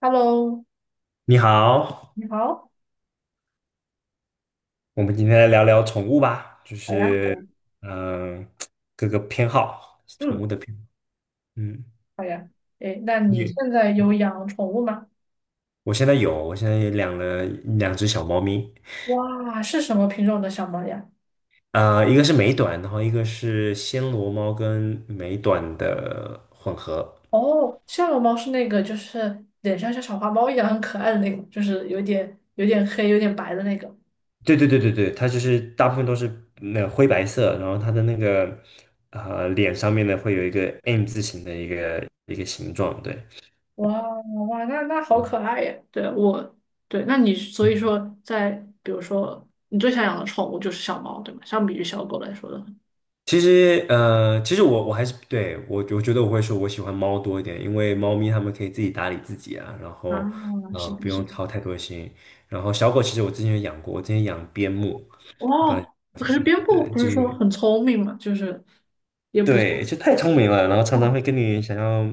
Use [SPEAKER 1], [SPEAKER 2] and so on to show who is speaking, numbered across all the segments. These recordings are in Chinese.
[SPEAKER 1] Hello，
[SPEAKER 2] 你好。
[SPEAKER 1] 你好。
[SPEAKER 2] 我们今天来聊聊宠物吧，就
[SPEAKER 1] 好呀。
[SPEAKER 2] 是嗯、呃各个偏好，宠
[SPEAKER 1] 嗯，
[SPEAKER 2] 物的偏好。嗯，
[SPEAKER 1] 好呀。诶，那你
[SPEAKER 2] 你
[SPEAKER 1] 现在有养宠物吗？
[SPEAKER 2] 我现在有，我现在也养了两只小猫咪。
[SPEAKER 1] 哇，是什么品种的小猫呀？
[SPEAKER 2] 一个是美短，然后一个是暹罗猫跟美短的混合。
[SPEAKER 1] 哦，夏洛猫是那个，就是脸上像小花猫一样很可爱的那个，就是有点黑、有点白的那个。
[SPEAKER 2] 对对对对对，它就是大部分都是那个灰白色，然后它的那个脸上面呢会有一个 M 字形的一个形状，对。
[SPEAKER 1] 哇哇，那好可爱呀！对我，对，那你所以说在，比如说你最想养的宠物就是小猫，对吗？相比于小狗来说的话，
[SPEAKER 2] 其实我还是对我，我觉得我会说我喜欢猫多一点，因为猫咪它们可以自己打理自己啊。然
[SPEAKER 1] 啊，
[SPEAKER 2] 后
[SPEAKER 1] 是
[SPEAKER 2] 不
[SPEAKER 1] 的，是
[SPEAKER 2] 用
[SPEAKER 1] 的。
[SPEAKER 2] 操太多心。然后小狗其实我之前有养过，我之前养边牧。不
[SPEAKER 1] 哇，
[SPEAKER 2] 然
[SPEAKER 1] 可是边
[SPEAKER 2] 对
[SPEAKER 1] 牧不
[SPEAKER 2] 就
[SPEAKER 1] 是
[SPEAKER 2] 是那
[SPEAKER 1] 说
[SPEAKER 2] 个
[SPEAKER 1] 很聪明嘛，就是也不错。
[SPEAKER 2] 对，就太聪明了，然后常常会跟你想要。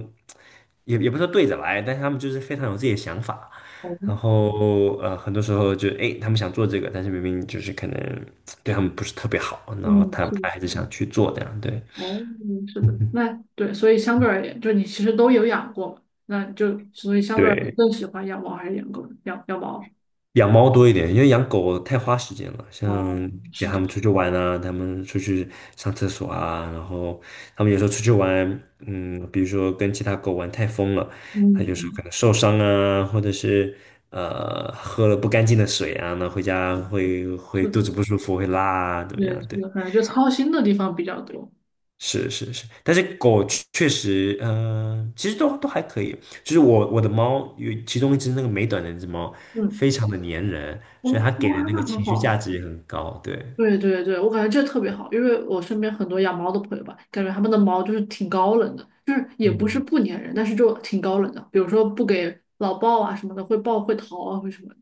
[SPEAKER 2] 也不是说对着来，但是他们就是非常有自己的想法。
[SPEAKER 1] 哦。
[SPEAKER 2] 然后很多时候就诶，他们想做这个，但是明明就是可能对他们不是特别好，然后
[SPEAKER 1] 嗯，是的。
[SPEAKER 2] 他还是想去做这样，对。
[SPEAKER 1] 哦，是的，
[SPEAKER 2] 嗯，
[SPEAKER 1] 那对，所以相对而言，就你其实都有养过嘛，那就所以相对而言
[SPEAKER 2] 对。
[SPEAKER 1] 更喜欢养猫还是养狗？养养猫。
[SPEAKER 2] 养猫多一点，因为养狗太花时间了，
[SPEAKER 1] 哦，
[SPEAKER 2] 像给
[SPEAKER 1] 是
[SPEAKER 2] 他
[SPEAKER 1] 的。
[SPEAKER 2] 们出去玩啊，他们出去上厕所啊。然后他们有时候出去玩，嗯，比如说跟其他狗玩太疯了，他就时候可
[SPEAKER 1] 嗯，
[SPEAKER 2] 能受伤啊，或者是喝了不干净的水啊，那回家会
[SPEAKER 1] 是的，
[SPEAKER 2] 肚子不舒服，会拉啊，怎么
[SPEAKER 1] 对，
[SPEAKER 2] 样？
[SPEAKER 1] 是
[SPEAKER 2] 对。
[SPEAKER 1] 的，反正就操心的地方比较多。
[SPEAKER 2] 是是是，但是狗确实，其实都还可以。就是我的猫有其中一只那个美短的那只猫，
[SPEAKER 1] 嗯。
[SPEAKER 2] 非常的粘人，
[SPEAKER 1] 哦，
[SPEAKER 2] 所以它给
[SPEAKER 1] 哇，
[SPEAKER 2] 的那个
[SPEAKER 1] 那很
[SPEAKER 2] 情绪价
[SPEAKER 1] 好。
[SPEAKER 2] 值也很高。对，
[SPEAKER 1] 对对对，我感觉这特别好，因为我身边很多养猫的朋友吧，感觉他们的猫就是挺高冷的，就是也不是
[SPEAKER 2] 嗯。
[SPEAKER 1] 不粘人，但是就挺高冷的，比如说不给老抱啊什么的，会抱会逃啊，会什么的。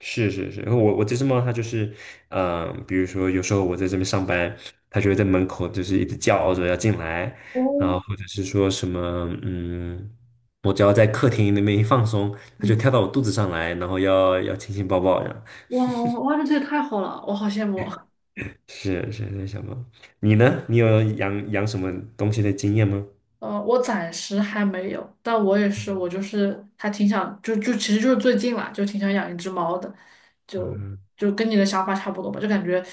[SPEAKER 2] 是是是。然后我这只猫它就是，比如说有时候我在这边上班，它就会在门口就是一直叫着要进来。然后
[SPEAKER 1] 哦。
[SPEAKER 2] 或者是说什么，嗯，我只要在客厅那边一放松，它就
[SPEAKER 1] 嗯。
[SPEAKER 2] 跳到我肚子上来，然后要亲亲抱抱，样。
[SPEAKER 1] 哇哇哇，这也太好了，我好羡慕。
[SPEAKER 2] 是是在想猫。你呢？你有养养什么东西的经验吗？
[SPEAKER 1] 我暂时还没有，但我也是，我就是还挺想，就其实就是最近啦，就挺想养一只猫的，就
[SPEAKER 2] 嗯
[SPEAKER 1] 就跟你的想法差不多吧，就感觉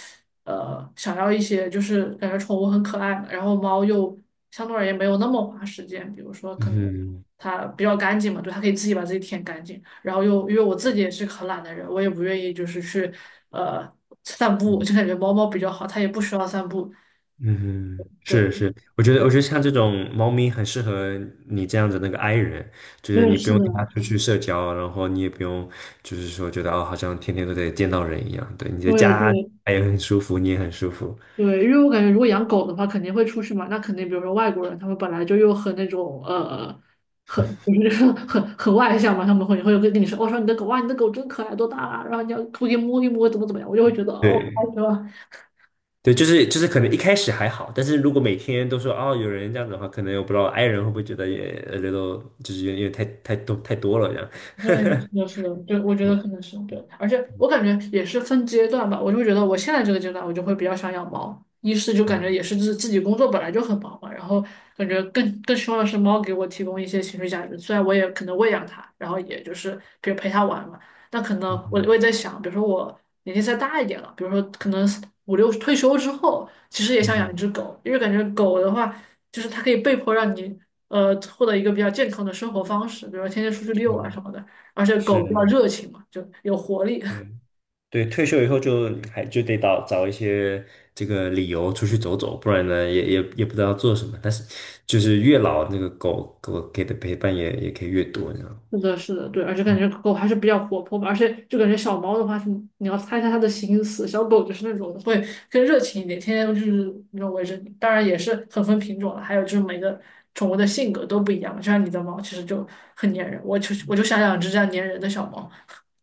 [SPEAKER 1] 想要一些就是感觉宠物很可爱嘛，然后猫又相对而言没有那么花时间，比如说可能
[SPEAKER 2] 嗯
[SPEAKER 1] 它比较干净嘛，对，它可以自己把自己舔干净，然后又因为我自己也是个很懒的人，我也不愿意就是去呃散步，
[SPEAKER 2] 嗯
[SPEAKER 1] 就感觉猫猫比较好，它也不需要散步，
[SPEAKER 2] 嗯，是
[SPEAKER 1] 对。
[SPEAKER 2] 是，我觉得像这种猫咪很适合你这样子那个 i 人，就是
[SPEAKER 1] 对，
[SPEAKER 2] 你不
[SPEAKER 1] 是
[SPEAKER 2] 用
[SPEAKER 1] 的，
[SPEAKER 2] 带它出去社交，然后你也不用就是说觉得哦，好像天天都得见到人一样。对，你的
[SPEAKER 1] 对
[SPEAKER 2] 家
[SPEAKER 1] 对，
[SPEAKER 2] 它也很舒服，你也很舒服。
[SPEAKER 1] 对，因为我感觉如果养狗的话，肯定会出去嘛。那肯定，比如说外国人，他们本来就又很那种很就是 很外向嘛，他们会跟跟你说，我、说你的狗哇，你的狗真可爱，多大啊？然后你要出去摸一摸，怎么怎么样，我就会觉得啊，我好
[SPEAKER 2] 对
[SPEAKER 1] 喜欢。
[SPEAKER 2] 对，就是可能一开始还好，但是如果每天都说哦有人这样子的话，可能我不知道 i 人会不会觉得也 a little 就是有点太多太多了这样。
[SPEAKER 1] 对，是的，是的，对，我觉 得
[SPEAKER 2] 我
[SPEAKER 1] 可能是对，而且我感觉也是分阶段吧，我就会觉得我现在这个阶段，我就会比较想养猫，一是就感觉也
[SPEAKER 2] 嗯。
[SPEAKER 1] 是自己工作本来就很忙嘛，然后感觉更希望的是猫给我提供一些情绪价值，虽然我也可能喂养它，然后也就是比如陪它玩嘛，但可能我也
[SPEAKER 2] 嗯
[SPEAKER 1] 在想，比如说我年纪再大一点了，比如说可能五六退休之后，其实也想养一
[SPEAKER 2] 嗯
[SPEAKER 1] 只狗，因为感觉狗的话，就是它可以被迫让你。获得一个比较健康的生活方式，比如说天天出去遛啊
[SPEAKER 2] 嗯哼。
[SPEAKER 1] 什么的。而且狗
[SPEAKER 2] 是
[SPEAKER 1] 比较
[SPEAKER 2] 是，
[SPEAKER 1] 热情嘛，就有活力。
[SPEAKER 2] 对对。退休以后就还就得找找一些这个理由出去走走，不然呢也不知道做什么。但是就是越老那个狗狗给的陪伴也可以越多。
[SPEAKER 1] 是的，是的，对，而且感觉狗还是比较活泼吧，而且就感觉小猫的话是你要猜一下它的心思，小狗就是那种会更热情一点，天天就是那种围着你。当然也是很分品种了，还有就是每个宠物的性格都不一样嘛就像你的猫其实就很粘人，我就想养只这样粘人的小猫。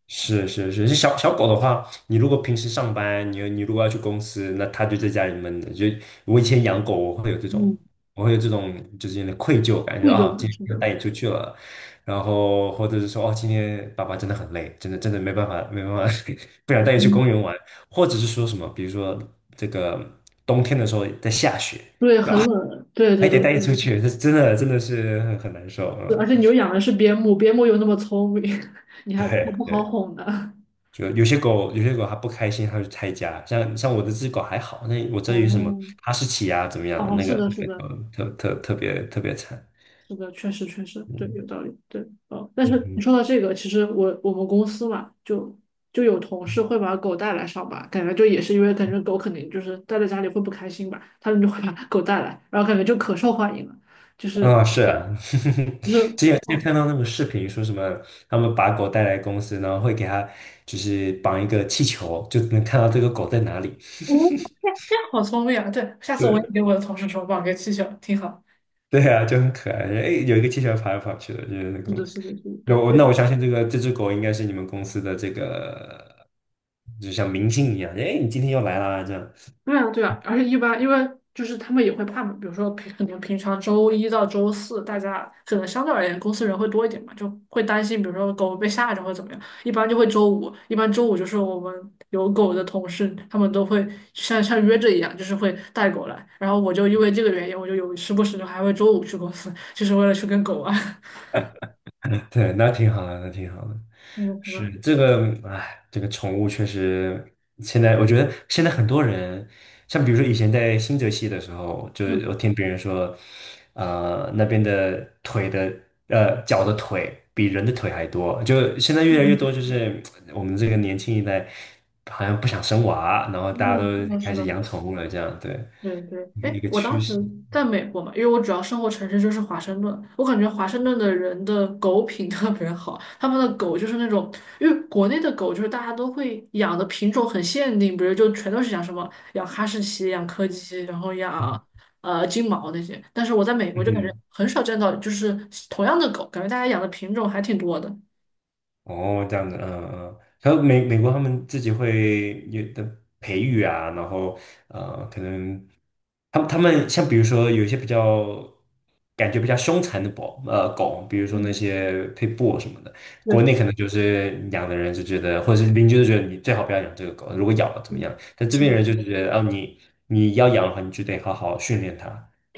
[SPEAKER 2] 是是是。是小小狗的话，你如果平时上班，你如果要去公司，那它就在家里闷着。就我以前养狗，我会有这种，
[SPEAKER 1] 嗯，
[SPEAKER 2] 我会有这种就是有点愧疚感。就
[SPEAKER 1] 贵
[SPEAKER 2] 啊，
[SPEAKER 1] 就
[SPEAKER 2] 今
[SPEAKER 1] 是，
[SPEAKER 2] 天
[SPEAKER 1] 是
[SPEAKER 2] 不能
[SPEAKER 1] 的。
[SPEAKER 2] 带你出去了，然后或者是说哦，今天爸爸真的很累，真的真的没办法没办法，不想带你去
[SPEAKER 1] 嗯。
[SPEAKER 2] 公园玩，或者是说什么，比如说这个冬天的时候在下雪，
[SPEAKER 1] 对，很冷，对
[SPEAKER 2] 还
[SPEAKER 1] 对
[SPEAKER 2] 得
[SPEAKER 1] 对
[SPEAKER 2] 带你
[SPEAKER 1] 对
[SPEAKER 2] 出
[SPEAKER 1] 对。
[SPEAKER 2] 去，这真的真的是很难受。
[SPEAKER 1] 对
[SPEAKER 2] 嗯，
[SPEAKER 1] 而且你又养的是边牧，边牧又那么聪明，你还
[SPEAKER 2] 对
[SPEAKER 1] 不好
[SPEAKER 2] 对。
[SPEAKER 1] 哄呢。
[SPEAKER 2] 就有些狗，有些狗它不开心，它就拆家。像我的这只狗还好，那我这里有什么
[SPEAKER 1] 哦。
[SPEAKER 2] 哈士奇啊，怎么样的？
[SPEAKER 1] 哦，
[SPEAKER 2] 那
[SPEAKER 1] 是
[SPEAKER 2] 个
[SPEAKER 1] 的，是的，
[SPEAKER 2] 特别特别惨。
[SPEAKER 1] 是的，确实，确实，对，
[SPEAKER 2] 嗯
[SPEAKER 1] 有道理，对。哦，但
[SPEAKER 2] 嗯
[SPEAKER 1] 是
[SPEAKER 2] 哼。
[SPEAKER 1] 你说到这个，其实我们公司嘛，就有同事会把狗带来上班，感觉就也是因为感觉狗肯定就是待在家里会不开心吧，他们就会把狗带来，然后感觉就可受欢迎了，就是
[SPEAKER 2] 啊、是啊。
[SPEAKER 1] 就 是，
[SPEAKER 2] 之前
[SPEAKER 1] 哦，
[SPEAKER 2] 看到那个视频，说什么他们把狗带来公司，然后会给它就是绑一个气球，就能看到这个狗在哪里。
[SPEAKER 1] 这样好聪明啊！对，下次我也
[SPEAKER 2] 对。
[SPEAKER 1] 给我的同事说，把我给气球，挺好。
[SPEAKER 2] 对啊，就很可爱。哎，有一个气球跑来跑去的，就是那个
[SPEAKER 1] 是
[SPEAKER 2] 公
[SPEAKER 1] 的，
[SPEAKER 2] 司。
[SPEAKER 1] 是的，是的，
[SPEAKER 2] 那
[SPEAKER 1] 对。
[SPEAKER 2] 我相信这个这只狗应该是你们公司的这个，就像明星一样。哎，你今天又来啦，这样。
[SPEAKER 1] 对啊，对啊，而且一般因为就是他们也会怕嘛，比如说平可能平常周一到周四，大家可能相对而言公司人会多一点嘛，就会担心，比如说狗被吓着或者怎么样，一般就会周五，一般周五就是我们有狗的同事，他们都会像约着一样，就是会带狗来，然后我就因为这个原因，我就有时不时的还会周五去公司，就是为了去跟狗玩。
[SPEAKER 2] 对，那挺好的，那挺好的。
[SPEAKER 1] 嗯可
[SPEAKER 2] 是
[SPEAKER 1] 能
[SPEAKER 2] 这个。哎，这个宠物确实，现在我觉得现在很多人，像比如说以前在新泽西的时候，就是我
[SPEAKER 1] 嗯
[SPEAKER 2] 听别人说，那边的腿的，脚的腿比人的腿还多，就现在越来越
[SPEAKER 1] 嗯，
[SPEAKER 2] 多，就是我们这个年轻一代好像不想生娃，然后大家都
[SPEAKER 1] 嗯，是的，
[SPEAKER 2] 开
[SPEAKER 1] 是
[SPEAKER 2] 始
[SPEAKER 1] 的。
[SPEAKER 2] 养宠物了，这样，对。
[SPEAKER 1] 对对，
[SPEAKER 2] 一个
[SPEAKER 1] 哎，我
[SPEAKER 2] 趋
[SPEAKER 1] 当时
[SPEAKER 2] 势。
[SPEAKER 1] 在美国嘛，因为我主要生活城市就是华盛顿，我感觉华盛顿的人的狗品特别好，他们的狗就是那种，因为国内的狗就是大家都会养的品种很限定，比如就全都是养什么养哈士奇、养柯基，然后
[SPEAKER 2] 嗯
[SPEAKER 1] 养金毛那些，但是我在美国
[SPEAKER 2] 嗯
[SPEAKER 1] 就感觉
[SPEAKER 2] 哼。
[SPEAKER 1] 很少见到就是同样的狗，感觉大家养的品种还挺多的。
[SPEAKER 2] 哦，这样子，嗯嗯。还有美国他们自己会有的培育啊。然后可能他们像比如说有一些比较感觉比较凶残的狗，比如说那
[SPEAKER 1] 嗯，
[SPEAKER 2] 些配 i t 什么的。国
[SPEAKER 1] 对。
[SPEAKER 2] 内可能嗯就是养的人就觉得，或者是邻居就觉得你最好不要养这个狗，如果咬了怎么样？
[SPEAKER 1] 嗯
[SPEAKER 2] 但这
[SPEAKER 1] 是
[SPEAKER 2] 边
[SPEAKER 1] 的，是
[SPEAKER 2] 人就是
[SPEAKER 1] 的
[SPEAKER 2] 觉得，哦，你要养的话，你就得好好训练它。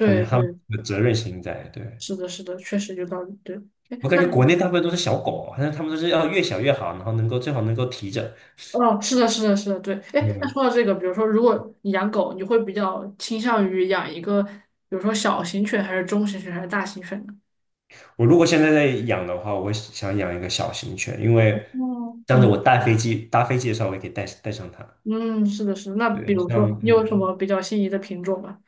[SPEAKER 2] 他们
[SPEAKER 1] 对，
[SPEAKER 2] 的责任心在，对。
[SPEAKER 1] 是的，是的，确实有道理。对。哎，
[SPEAKER 2] 我感
[SPEAKER 1] 那。
[SPEAKER 2] 觉国内
[SPEAKER 1] 你？
[SPEAKER 2] 大部分都是小狗，好像他们都是要越小越好，然后能够最好能够提着。
[SPEAKER 1] 哦，是的，是的，是的，对。哎，那
[SPEAKER 2] 嗯，
[SPEAKER 1] 说到这个，比如说，如果你养狗，你会比较倾向于养一个，比如说小型犬，还是中型犬，还是大型犬呢？
[SPEAKER 2] 我如果现在在养的话，我会想养一个小型犬，因为
[SPEAKER 1] 嗯。
[SPEAKER 2] 这样子我
[SPEAKER 1] 嗯
[SPEAKER 2] 搭飞机的时候，我也可以带上它。
[SPEAKER 1] 嗯，是的，是的。那比
[SPEAKER 2] 对，
[SPEAKER 1] 如
[SPEAKER 2] 像
[SPEAKER 1] 说，你有什么比较心仪的品种吗？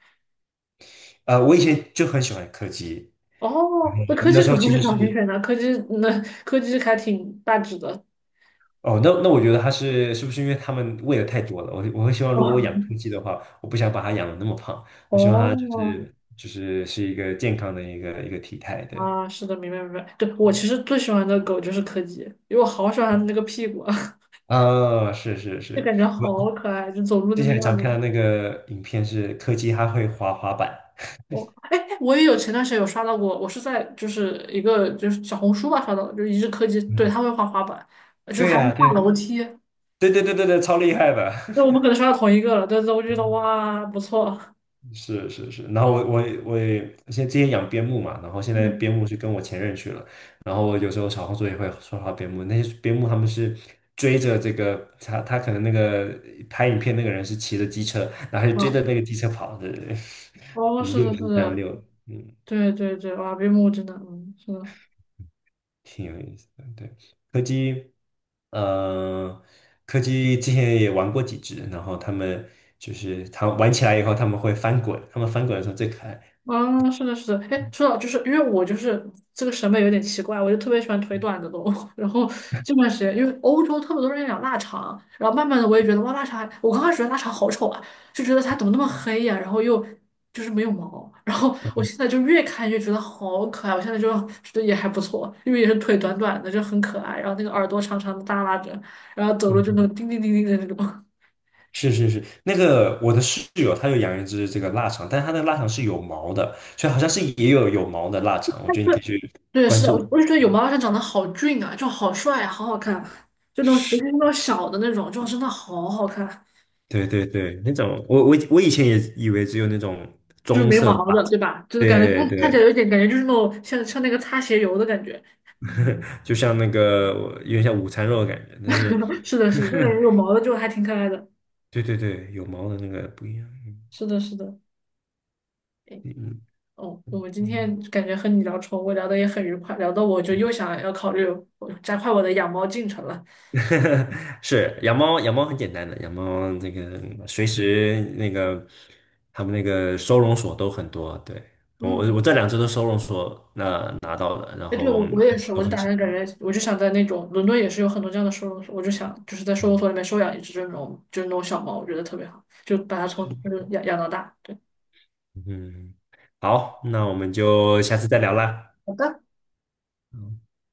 [SPEAKER 2] 我以前就很喜欢柯基，
[SPEAKER 1] 哦，那柯
[SPEAKER 2] 那
[SPEAKER 1] 基
[SPEAKER 2] 时
[SPEAKER 1] 可
[SPEAKER 2] 候
[SPEAKER 1] 不
[SPEAKER 2] 其
[SPEAKER 1] 是
[SPEAKER 2] 实
[SPEAKER 1] 小型
[SPEAKER 2] 是
[SPEAKER 1] 犬呢，柯基那柯基还挺大只的。
[SPEAKER 2] 哦，那我觉得它是是不是因为它们喂的太多了？我会希望 如果我养
[SPEAKER 1] 哦
[SPEAKER 2] 柯基的话，我不想把它养的那么胖，我希望它
[SPEAKER 1] 哦。
[SPEAKER 2] 是一个健康的一个体态。对，
[SPEAKER 1] 啊，是的，明白明白。对，我其实最喜欢的狗就是柯基，因为我好喜欢它的那个屁股啊，
[SPEAKER 2] 嗯，是是
[SPEAKER 1] 就
[SPEAKER 2] 是。
[SPEAKER 1] 感觉
[SPEAKER 2] 我
[SPEAKER 1] 好可爱，就走路
[SPEAKER 2] 之
[SPEAKER 1] 那个
[SPEAKER 2] 前
[SPEAKER 1] 样
[SPEAKER 2] 常看
[SPEAKER 1] 子。
[SPEAKER 2] 到那个影片是柯基，它会滑滑板。
[SPEAKER 1] 我哎，我也有前段时间有刷到过，我是在就是一个就是小红书吧刷到的，就是一日科技，对，
[SPEAKER 2] 嗯，
[SPEAKER 1] 他会滑滑板，就
[SPEAKER 2] 对
[SPEAKER 1] 还会
[SPEAKER 2] 呀、
[SPEAKER 1] 下楼
[SPEAKER 2] 对
[SPEAKER 1] 梯。
[SPEAKER 2] 对对对对对，超厉害的。
[SPEAKER 1] 那我们 可能刷到同一个了，但是我就觉得
[SPEAKER 2] 嗯，
[SPEAKER 1] 哇不错。
[SPEAKER 2] 是是是。然后我我也现在之前养边牧嘛，然后现在边
[SPEAKER 1] 嗯
[SPEAKER 2] 牧是跟我前任去了。然后我有时候小红书也会刷到边牧，那些边牧他们是追着这个他可能那个拍影片那个人是骑着机车，然后就追
[SPEAKER 1] 啊，
[SPEAKER 2] 着那个机车跑。对对对，
[SPEAKER 1] 哦
[SPEAKER 2] 我们
[SPEAKER 1] 是
[SPEAKER 2] 遛
[SPEAKER 1] 的
[SPEAKER 2] 狗就
[SPEAKER 1] 是
[SPEAKER 2] 这样
[SPEAKER 1] 的，
[SPEAKER 2] 遛。嗯。
[SPEAKER 1] 对对对，哇边牧真的嗯是的。
[SPEAKER 2] 挺有意思的。对，柯基，呃，柯基之前也玩过几只，然后他们就是它玩起来以后，他们会翻滚。他们翻滚的时候最可爱。
[SPEAKER 1] 啊，是的，是的，哎，说到就是因为我就是这个审美有点奇怪，我就特别喜欢腿短的动物。然后这段时间，因为欧洲特别多人养腊肠，然后慢慢的我也觉得哇，腊肠还我刚开始觉得腊肠好丑啊，就觉得它怎么那么黑呀、然后又就是没有毛，然后我现 在就越看越觉得好可爱，我现在就觉得也还不错，因为也是腿短短的，就很可爱，然后那个耳朵长长的耷拉着，然后走路就那
[SPEAKER 2] 嗯，
[SPEAKER 1] 种叮叮叮叮的那种。
[SPEAKER 2] 是是是。那个我的室友他有养一只这个腊肠，但是他的腊肠是有毛的，所以好像是也有毛的腊肠，我觉得你可以去
[SPEAKER 1] 对，
[SPEAKER 2] 关
[SPEAKER 1] 是的，我
[SPEAKER 2] 注。
[SPEAKER 1] 我就觉得有毛老师长得好俊啊，就好帅啊，好好看，就那种尤其是那种小的那种，就真的好好看，
[SPEAKER 2] 对对对，那种我我以前也以为只有那种
[SPEAKER 1] 就是
[SPEAKER 2] 棕
[SPEAKER 1] 没
[SPEAKER 2] 色的
[SPEAKER 1] 毛
[SPEAKER 2] 吧。
[SPEAKER 1] 的，对吧？就是感觉
[SPEAKER 2] 对
[SPEAKER 1] 看看起来
[SPEAKER 2] 对，
[SPEAKER 1] 有一点感觉就是那种像那个擦鞋油的感觉。
[SPEAKER 2] 就像那个有点像午餐肉的感觉，但是
[SPEAKER 1] 是的，是的，那种 有毛的就还挺可爱的。
[SPEAKER 2] 对对对，有毛的那个不一样。嗯。
[SPEAKER 1] 是的，是的。哎。哦，我们今天感觉和你聊宠物聊的也很愉快，聊得我就又想要考虑我加快我的养猫进程了。
[SPEAKER 2] 是养猫，养猫很简单的，养猫那个随时那个他们那个收容所都很多。对，我
[SPEAKER 1] 嗯。
[SPEAKER 2] 这两只都收容所那拿到了，然
[SPEAKER 1] 哎，对，
[SPEAKER 2] 后
[SPEAKER 1] 我我也是，
[SPEAKER 2] 都
[SPEAKER 1] 我就
[SPEAKER 2] 很
[SPEAKER 1] 打
[SPEAKER 2] 喜
[SPEAKER 1] 算感
[SPEAKER 2] 欢。
[SPEAKER 1] 觉，我就想在那种伦敦也是有很多这样的收容所，我就想就是在收容
[SPEAKER 2] 嗯，
[SPEAKER 1] 所里面收养一只这种就是那种小猫，我觉得特别好，就把它从
[SPEAKER 2] 是，
[SPEAKER 1] 就是养养到大。对。
[SPEAKER 2] 嗯，好，那我们就下次再聊啦。
[SPEAKER 1] 好的。
[SPEAKER 2] 嗯